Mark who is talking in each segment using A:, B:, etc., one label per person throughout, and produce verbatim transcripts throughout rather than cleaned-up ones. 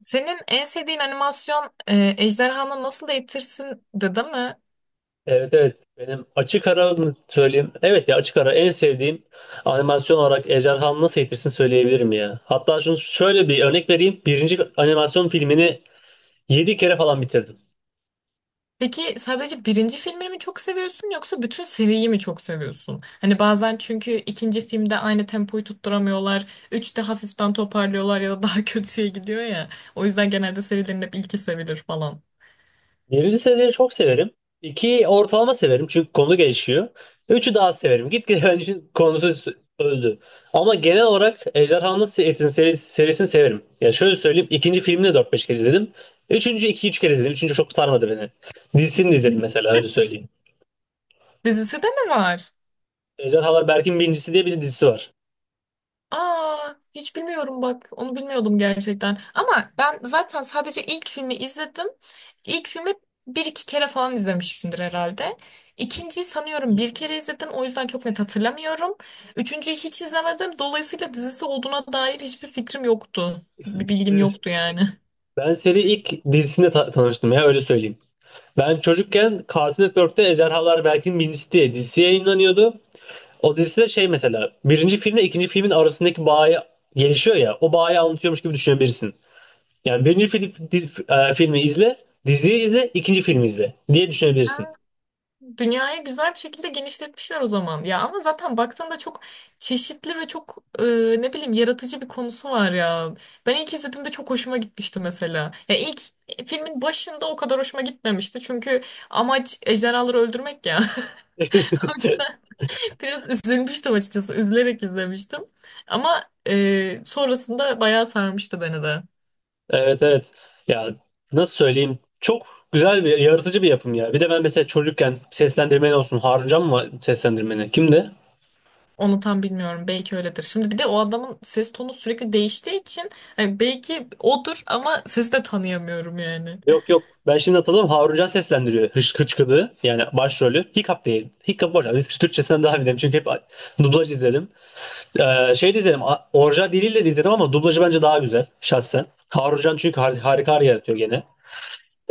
A: Senin en sevdiğin animasyon e, Ejderhanı Nasıl Eğitirsin'di değil mi?
B: Evet evet benim açık ara mı söyleyeyim? Evet ya açık ara en sevdiğim animasyon olarak Ejderhanı Nasıl Eğitirsin söyleyebilirim ya. Hatta şunu şöyle bir örnek vereyim. Birinci animasyon filmini yedi kere falan bitirdim.
A: Peki sadece birinci filmini mi çok seviyorsun yoksa bütün seriyi mi çok seviyorsun? Hani bazen çünkü ikinci filmde aynı tempoyu tutturamıyorlar. Üçte hafiften toparlıyorlar ya da daha kötüye gidiyor ya. O yüzden genelde serilerin hep ilki sevilir falan.
B: Birinci seriyi çok severim. İkiyi ortalama severim çünkü konu gelişiyor. Üçü daha severim. Gitgide benim için konusu öldü. Ama genel olarak Ejderhanı Nasıl Eğitirsin serisi, serisini severim. Ya şöyle söyleyeyim, ikinci filmini de dört beş kere izledim. Üçüncü iki üç kere izledim. Üçüncü çok sarmadı beni. Dizisini de izledim, mesela öyle söyleyeyim.
A: Dizisi de mi var?
B: Ejderhalar Berk'in Birincisi diye bir de dizisi var.
A: Aa, hiç bilmiyorum bak. Onu bilmiyordum gerçekten. Ama ben zaten sadece ilk filmi izledim. İlk filmi bir iki kere falan izlemişimdir herhalde. İkinciyi sanıyorum bir kere izledim. O yüzden çok net hatırlamıyorum. Üçüncüyü hiç izlemedim. Dolayısıyla dizisi olduğuna dair hiçbir fikrim yoktu. Bir bilgim
B: Dizisi.
A: yoktu yani.
B: Ben seri ilk dizisinde ta- tanıştım ya, öyle söyleyeyim. Ben çocukken Cartoon Network'te Ejderhalar Berk'in Birincisi diye dizisi yayınlanıyordu. O dizide şey, mesela birinci filmle ikinci filmin arasındaki bağı gelişiyor ya, o bağı anlatıyormuş gibi düşünebilirsin. Yani birinci fil- diz- e, filmi izle, diziyi izle, ikinci filmi izle diye düşünebilirsin.
A: Dünyayı güzel bir şekilde genişletmişler o zaman. Ya ama zaten baktığında çok çeşitli ve çok e, ne bileyim yaratıcı bir konusu var ya. Ben ilk izlediğimde çok hoşuma gitmişti mesela. Ya ilk e, filmin başında o kadar hoşuma gitmemişti. Çünkü amaç ejderhaları öldürmek ya. O yüzden biraz üzülmüştüm açıkçası. Üzülerek izlemiştim. Ama e, sonrasında bayağı sarmıştı beni de.
B: Evet evet. Ya nasıl söyleyeyim? Çok güzel bir, yaratıcı bir yapım ya. Bir de ben mesela çocukken seslendirmen olsun. Haruncan mı seslendirmeni? Kimdi?
A: Onu tam bilmiyorum. Belki öyledir. Şimdi bir de o adamın ses tonu sürekli değiştiği için hani belki odur ama sesi de tanıyamıyorum yani.
B: Yok yok. Ben şimdi hatırladım. Haruncan seslendiriyor. Hış Hıçkıdığı. Yani başrolü. Hiccup değil. Hiccup boş. Biz Türkçesinden daha bilirim. Çünkü hep dublaj izledim. Ee, şey de izledim. a- Orijinal diliyle de izledim ama dublajı bence daha güzel. Şahsen. Haruncan çünkü har- harika yaratıyor gene.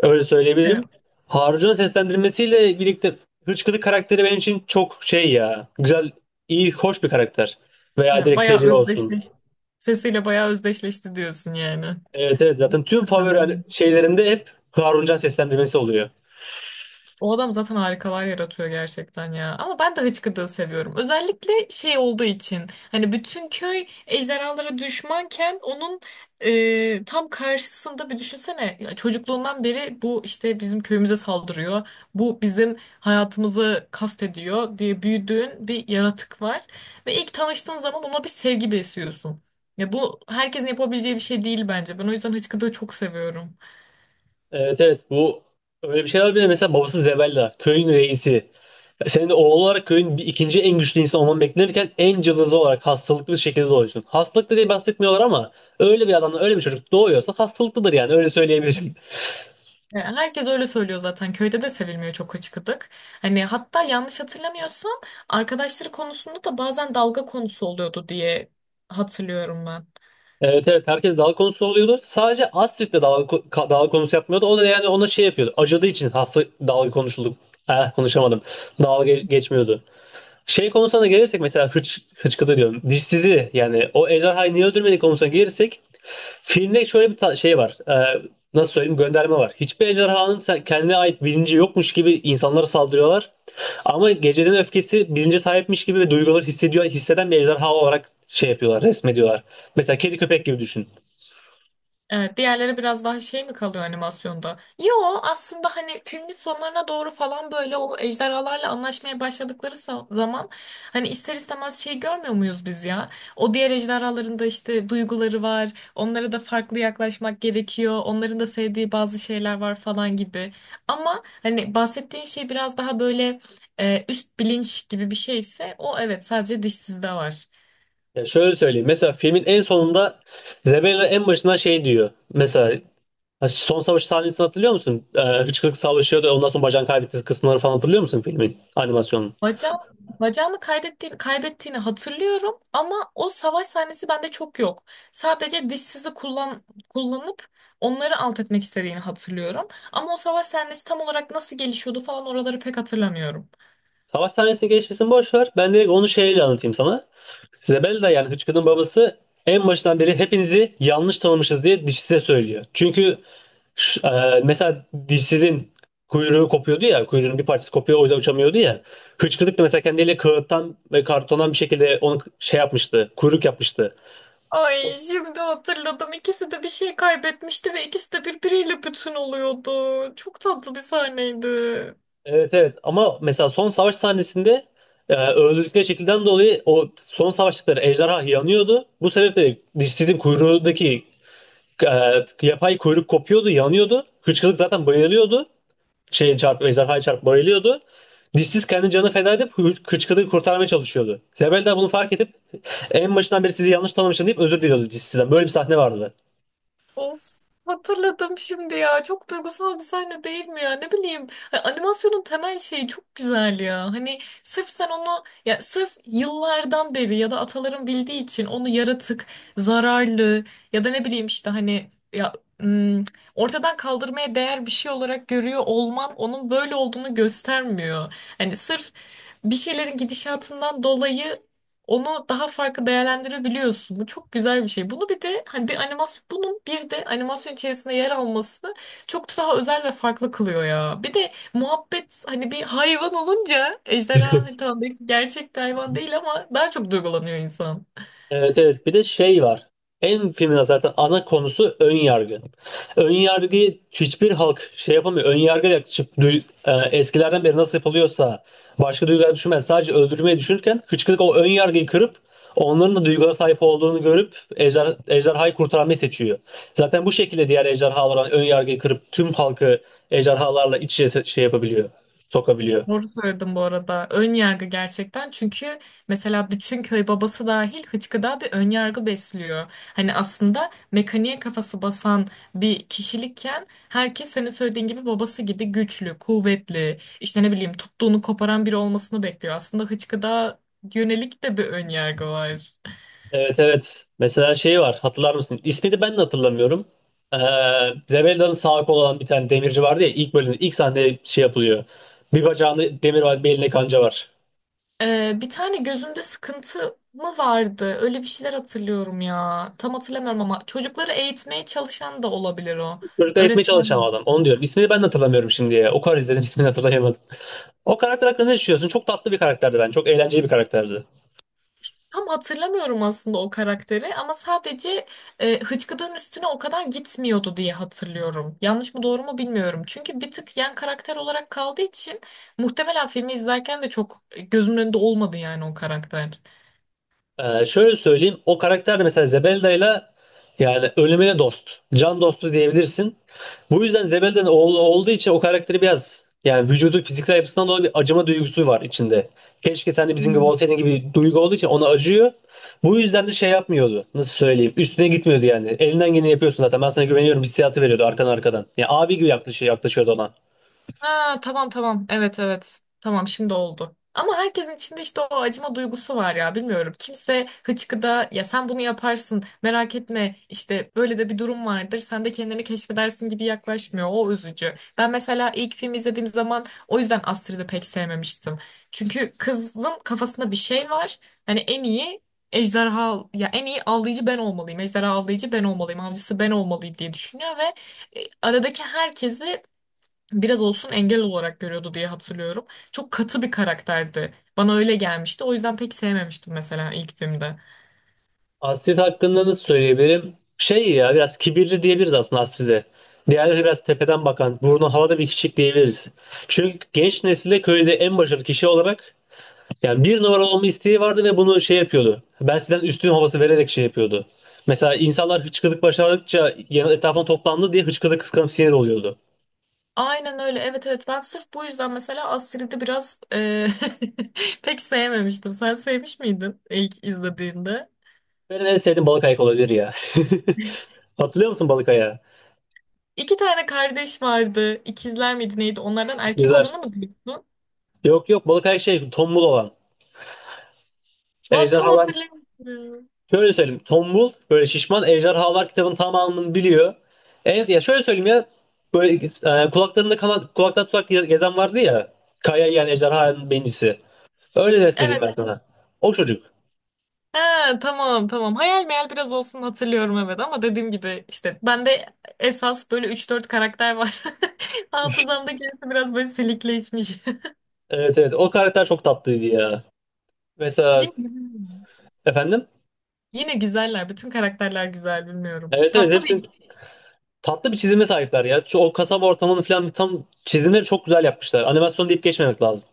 B: Öyle söyleyebilirim.
A: Evet.
B: Harun'un seslendirmesiyle birlikte Hıçkırık karakteri benim için çok şey ya. Güzel, iyi, hoş bir karakter. Veya
A: Yani
B: direkt
A: bayağı
B: seri olsun.
A: özdeşleşti. Sesiyle bayağı özdeşleşti diyorsun yani.
B: Evet evet, zaten tüm favori şeylerimde hep Haruncan seslendirmesi oluyor.
A: O adam zaten harikalar yaratıyor gerçekten ya. Ama ben de hıçkıdığı seviyorum. Özellikle şey olduğu için. Hani bütün köy ejderhalara düşmanken onun e, tam karşısında bir düşünsene. Ya çocukluğundan beri bu işte bizim köyümüze saldırıyor. Bu bizim hayatımızı kastediyor diye büyüdüğün bir yaratık var. Ve ilk tanıştığın zaman ona bir sevgi besliyorsun. Ya bu herkesin yapabileceği bir şey değil bence. Ben o yüzden hıçkıdığı çok seviyorum.
B: Evet evet, bu öyle bir şeyler bile, mesela babası Zebella köyün reisi. Senin de oğul olarak köyün bir, ikinci en güçlü insan olman beklenirken en cılızı olarak hastalıklı bir şekilde doğuyorsun. Hastalıklı diye bahsetmiyorlar ama öyle bir adamla öyle bir çocuk doğuyorsa hastalıklıdır yani, öyle söyleyebilirim.
A: Ya herkes öyle söylüyor zaten. Köyde de sevilmiyor çok açık adık. Hani hatta yanlış hatırlamıyorsam arkadaşları konusunda da bazen dalga konusu oluyordu diye hatırlıyorum.
B: Evet evet, herkes dalga konusu oluyordu. Sadece Astrid de dalga, ko- ka- dalga konusu yapmıyordu. O da yani ona şey yapıyordu. Acıdığı için hasta dalga konuşuldu. Eh, konuşamadım. Dalga geç- geçmiyordu. Şey konusuna da gelirsek, mesela hıç, hıçkıdı diyorum. Dişsizi yani o ejderhayı niye öldürmedi konusuna gelirsek, filmde şöyle bir ta- şey var. Ee, nasıl söyleyeyim, gönderme var. Hiçbir ejderhanın sen- kendine ait bilinci yokmuş gibi insanlara saldırıyorlar. Ama gecenin öfkesi bilince sahipmiş gibi ve duyguları hissediyor, hisseden bir ejderha olarak şey yapıyorlar, resmediyorlar. Mesela kedi köpek gibi düşün.
A: Evet, diğerleri biraz daha şey mi kalıyor animasyonda? Yo, aslında hani filmin sonlarına doğru falan böyle o ejderhalarla anlaşmaya başladıkları sa- zaman hani ister istemez şey görmüyor muyuz biz ya? O diğer ejderhaların da işte duyguları var. Onlara da farklı yaklaşmak gerekiyor. Onların da sevdiği bazı şeyler var falan gibi. Ama hani bahsettiğin şey biraz daha böyle e, üst bilinç gibi bir şeyse o, evet, sadece dişsizde var.
B: Ya şöyle söyleyeyim. Mesela filmin en sonunda Zebella en başına şey diyor. Mesela, ha, son savaş sahnesini hatırlıyor musun? Ee, Hıçkırık savaşıyor da ondan sonra bacağını kaybettiği kısımları falan hatırlıyor musun filmin, animasyonun?
A: Bacağım, bacağını kaybettiğini, kaybettiğini hatırlıyorum ama o savaş sahnesi bende çok yok. Sadece dişsizi kullan, kullanıp onları alt etmek istediğini hatırlıyorum. Ama o savaş sahnesi tam olarak nasıl gelişiyordu falan oraları pek hatırlamıyorum.
B: Savaş sahnesini geçmesini boş ver. Ben direkt onu şeyle anlatayım sana. Zebelda yani Hıçkırık'ın babası en başından beri hepinizi yanlış tanımışız diye dişsize söylüyor. Çünkü şu- e, mesela dişsizin kuyruğu kopuyordu ya, kuyruğunun bir parçası kopuyor, o yüzden uçamıyordu ya. Hıçkırık da mesela kendiyle kağıttan ve kartondan bir şekilde onu şey yapmıştı, kuyruk yapmıştı.
A: Ay şimdi hatırladım. İkisi de bir şey kaybetmişti ve ikisi de birbiriyle bütün oluyordu. Çok tatlı bir sahneydi.
B: Evet evet, ama mesela son savaş sahnesinde e, öldürdükleri şekilden dolayı o son savaştıkları ejderha yanıyordu. Bu sebeple dişsizin kuyruğundaki e, yapay kuyruk kopuyordu, yanıyordu. Hıçkırık zaten bayılıyordu. Şey çarp, ejderhaya çarp bayılıyordu. Dişsiz kendi canını feda edip hı- hıçkırığı kurtarmaya çalışıyordu. Zebel de bunu fark edip en başından beri sizi yanlış tanımışım deyip özür diliyordu dişsizden. Böyle bir sahne vardı.
A: Of, hatırladım şimdi ya. Çok duygusal bir sahne değil mi ya? Ne bileyim, hani animasyonun temel şeyi çok güzel ya. Hani sırf sen onu ya sırf yıllardan beri ya da ataların bildiği için onu yaratık, zararlı ya da ne bileyim işte hani ya ım, ortadan kaldırmaya değer bir şey olarak görüyor olman onun böyle olduğunu göstermiyor. Hani sırf bir şeylerin gidişatından dolayı onu daha farklı değerlendirebiliyorsun. Bu çok güzel bir şey. Bunu bir de hani bir animasyon bunun bir de animasyon içerisinde yer alması çok daha özel ve farklı kılıyor ya. Bir de muhabbet hani bir hayvan olunca ejderha hani tamam belki gerçek bir hayvan değil ama daha çok duygulanıyor insan.
B: Evet evet, bir de şey var. En filmin zaten ana konusu ön yargı. Ön yargıyı hiçbir halk şey yapamıyor. Ön yargıya yaklaşıp duy- e, eskilerden beri nasıl yapılıyorsa başka duygular düşünmez. Sadece öldürmeyi düşünürken hıçkırık o ön yargıyı kırıp onların da duygulara sahip olduğunu görüp ejder, ejderhayı kurtarmayı seçiyor. Zaten bu şekilde diğer ejderhalar ön yargıyı kırıp tüm halkı ejderhalarla iç içe se- şey yapabiliyor, sokabiliyor.
A: Doğru söyledim bu arada. Ön yargı gerçekten. Çünkü mesela bütün köy babası dahil hıçkıda bir ön yargı besliyor. Hani aslında mekaniğe kafası basan bir kişilikken herkes senin söylediğin gibi babası gibi güçlü, kuvvetli, işte ne bileyim tuttuğunu koparan biri olmasını bekliyor. Aslında hıçkıda yönelik de bir ön yargı var.
B: Evet evet. Mesela şey var, hatırlar mısın? İsmini ben de hatırlamıyorum. Ee, Zebelda'nın sağ kolu olan bir tane demirci vardı ya, ilk bölümde ilk sahnede şey yapılıyor. Bir bacağında demir var, bir elinde kanca var.
A: Ee, bir tane gözünde sıkıntı mı vardı? Öyle bir şeyler hatırlıyorum ya. Tam hatırlamıyorum ama çocukları eğitmeye çalışan da olabilir o.
B: Çocuklar etmeye
A: Öğretmen.
B: çalışan adam. Onu diyorum. İsmini ben de hatırlamıyorum şimdi ya. O kadar izledim, ismini hatırlayamadım. O karakter hakkında ne düşünüyorsun? Çok tatlı bir karakterdi ben. Çok eğlenceli bir karakterdi.
A: Tam hatırlamıyorum aslında o karakteri ama sadece e, Hıçkıdık'ın üstüne o kadar gitmiyordu diye hatırlıyorum. Yanlış mı doğru mu bilmiyorum. Çünkü bir tık yan karakter olarak kaldığı için muhtemelen filmi izlerken de çok gözümün önünde olmadı yani o karakter.
B: Ee, şöyle söyleyeyim. O karakter de mesela Zebelda'yla yani ölümüne dost. Can dostu diyebilirsin. Bu yüzden Zebelda'nın oğlu olduğu için o karakteri biraz yani vücudu, fiziksel yapısından dolayı bir acıma duygusu var içinde. Keşke sen de bizim gibi olsaydın gibi duygu olduğu için ona acıyor. Bu yüzden de şey yapmıyordu. Nasıl söyleyeyim? Üstüne gitmiyordu yani. Elinden geleni yapıyorsun zaten. Ben sana güveniyorum hissiyatı veriyordu arkan, arkadan. Yani abi gibi yaklaşıyor, yaklaşıyordu ona.
A: Ha, tamam tamam. Evet, evet. Tamam, şimdi oldu. Ama herkesin içinde işte o acıma duygusu var ya, bilmiyorum. Kimse hıçkıda ya sen bunu yaparsın merak etme işte böyle de bir durum vardır sen de kendini keşfedersin gibi yaklaşmıyor. O üzücü. Ben mesela ilk filmi izlediğim zaman o yüzden Astrid'i pek sevmemiştim. Çünkü kızın kafasında bir şey var. Hani en iyi ejderha ya en iyi avlayıcı ben olmalıyım. Ejderha avlayıcı ben olmalıyım. Avcısı ben olmalıyım diye düşünüyor ve e, aradaki herkesi biraz olsun engel olarak görüyordu diye hatırlıyorum. Çok katı bir karakterdi. Bana öyle gelmişti. O yüzden pek sevmemiştim mesela ilk filmde.
B: Astrid hakkında nasıl söyleyebilirim? Şey ya, biraz kibirli diyebiliriz aslında Astrid'e. Diğerleri biraz tepeden bakan, burnu havada bir kişilik diyebiliriz. Çünkü genç nesilde köyde en başarılı kişi olarak yani bir numara olma isteği vardı ve bunu şey yapıyordu. Ben sizden üstün havası vererek şey yapıyordu. Mesela insanlar hıçkırık başardıkça yan- etrafına toplandı diye hıçkırık kıskanıp sinir oluyordu.
A: Aynen öyle. Evet, evet, ben sırf bu yüzden mesela Astrid'i biraz e, pek sevmemiştim. Sen sevmiş miydin ilk izlediğinde?
B: Benim en sevdiğim balık ayak olabilir ya. Hatırlıyor musun balık ayağı?
A: İki tane kardeş vardı. İkizler miydi neydi? Onlardan erkek
B: Güzel.
A: olanı mı diyorsun?
B: Yok yok, balık ayak şey, tombul olan.
A: Va, tam
B: Ejderhalar.
A: hatırlamıyorum.
B: Şöyle söyleyeyim. Tombul böyle şişman, ejderhalar kitabın tamamını biliyor. En, ya şöyle söyleyeyim ya, böyle e, kulaklarında kanat, kulaktan tutak ge- gezen vardı ya. Kaya yiyen ejderhanın bencisi. Öyle resmedeyim
A: Evet.
B: ben sana. O çocuk.
A: Ha, tamam tamam. Hayal meyal biraz olsun hatırlıyorum evet ama dediğim gibi işte bende esas böyle üç dört karakter var. Hafızamdaki gerisi biraz böyle silikleşmiş.
B: Evet evet, o karakter çok tatlıydı ya.
A: Yine,
B: Mesela
A: güzel.
B: efendim.
A: Yine güzeller. Bütün karakterler güzel, bilmiyorum.
B: Evet evet,
A: Tatlı
B: hepsinin
A: bir.
B: tatlı bir çizime sahipler ya. Şu- O kasaba ortamını falan, tam çizimleri çok güzel yapmışlar. Animasyon deyip geçmemek lazım.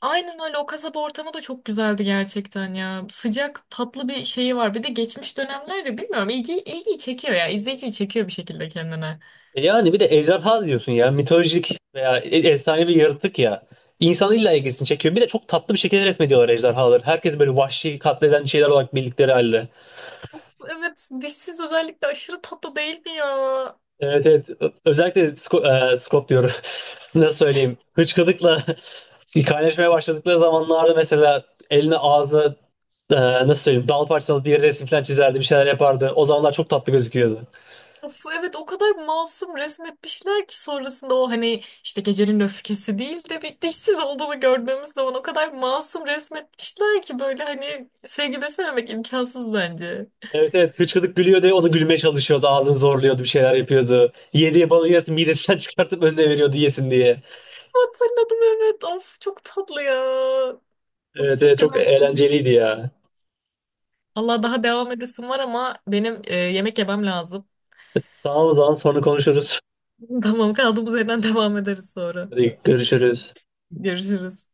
A: Aynen öyle, o kasaba ortamı da çok güzeldi gerçekten ya. Sıcak tatlı bir şeyi var. Bir de geçmiş dönemlerde bilmiyorum ilgi, ilgiyi çekiyor ya. İzleyiciyi çekiyor bir şekilde kendine.
B: E yani bir de ejderha diyorsun ya. Mitolojik veya e- efsane bir yaratık ya. İnsanın illa ilgisini çekiyor. Bir de çok tatlı bir şekilde resmediyorlar ejderhaları. Herkes böyle vahşi katleden şeyler olarak bildikleri halde.
A: Evet, dişsiz özellikle aşırı tatlı değil mi ya?
B: Evet evet. Ö- Özellikle Sco- e, Scott diyorum. Nasıl söyleyeyim? Hıçkırıkla kaynaşmaya başladıkları zamanlarda mesela eline, ağzına, e, nasıl söyleyeyim, dal parçalı bir yere resim falan çizerdi. Bir şeyler yapardı. O zamanlar çok tatlı gözüküyordu.
A: Of, evet, o kadar masum resmetmişler ki sonrasında o hani işte gecenin öfkesi değil de bir dişsiz olduğunu gördüğümüz zaman o kadar masum resmetmişler ki böyle hani sevgi beslememek imkansız bence.
B: Evet evet, hıçkıdık gülüyordu ya, onu gülmeye çalışıyordu, ağzını zorluyordu, bir şeyler yapıyordu. Yediği balığı yarısı midesinden çıkartıp önüne veriyordu yesin diye.
A: Hatırladım, evet, of çok tatlı ya. Of,
B: Evet
A: çok
B: evet, çok
A: güzel.
B: eğlenceliydi ya.
A: Allah daha devam edesim var ama benim e, yemek yemem lazım.
B: Tamam, o zaman sonra konuşuruz.
A: Tamam, kaldığımız yerden devam ederiz sonra.
B: Hadi görüşürüz.
A: Görüşürüz.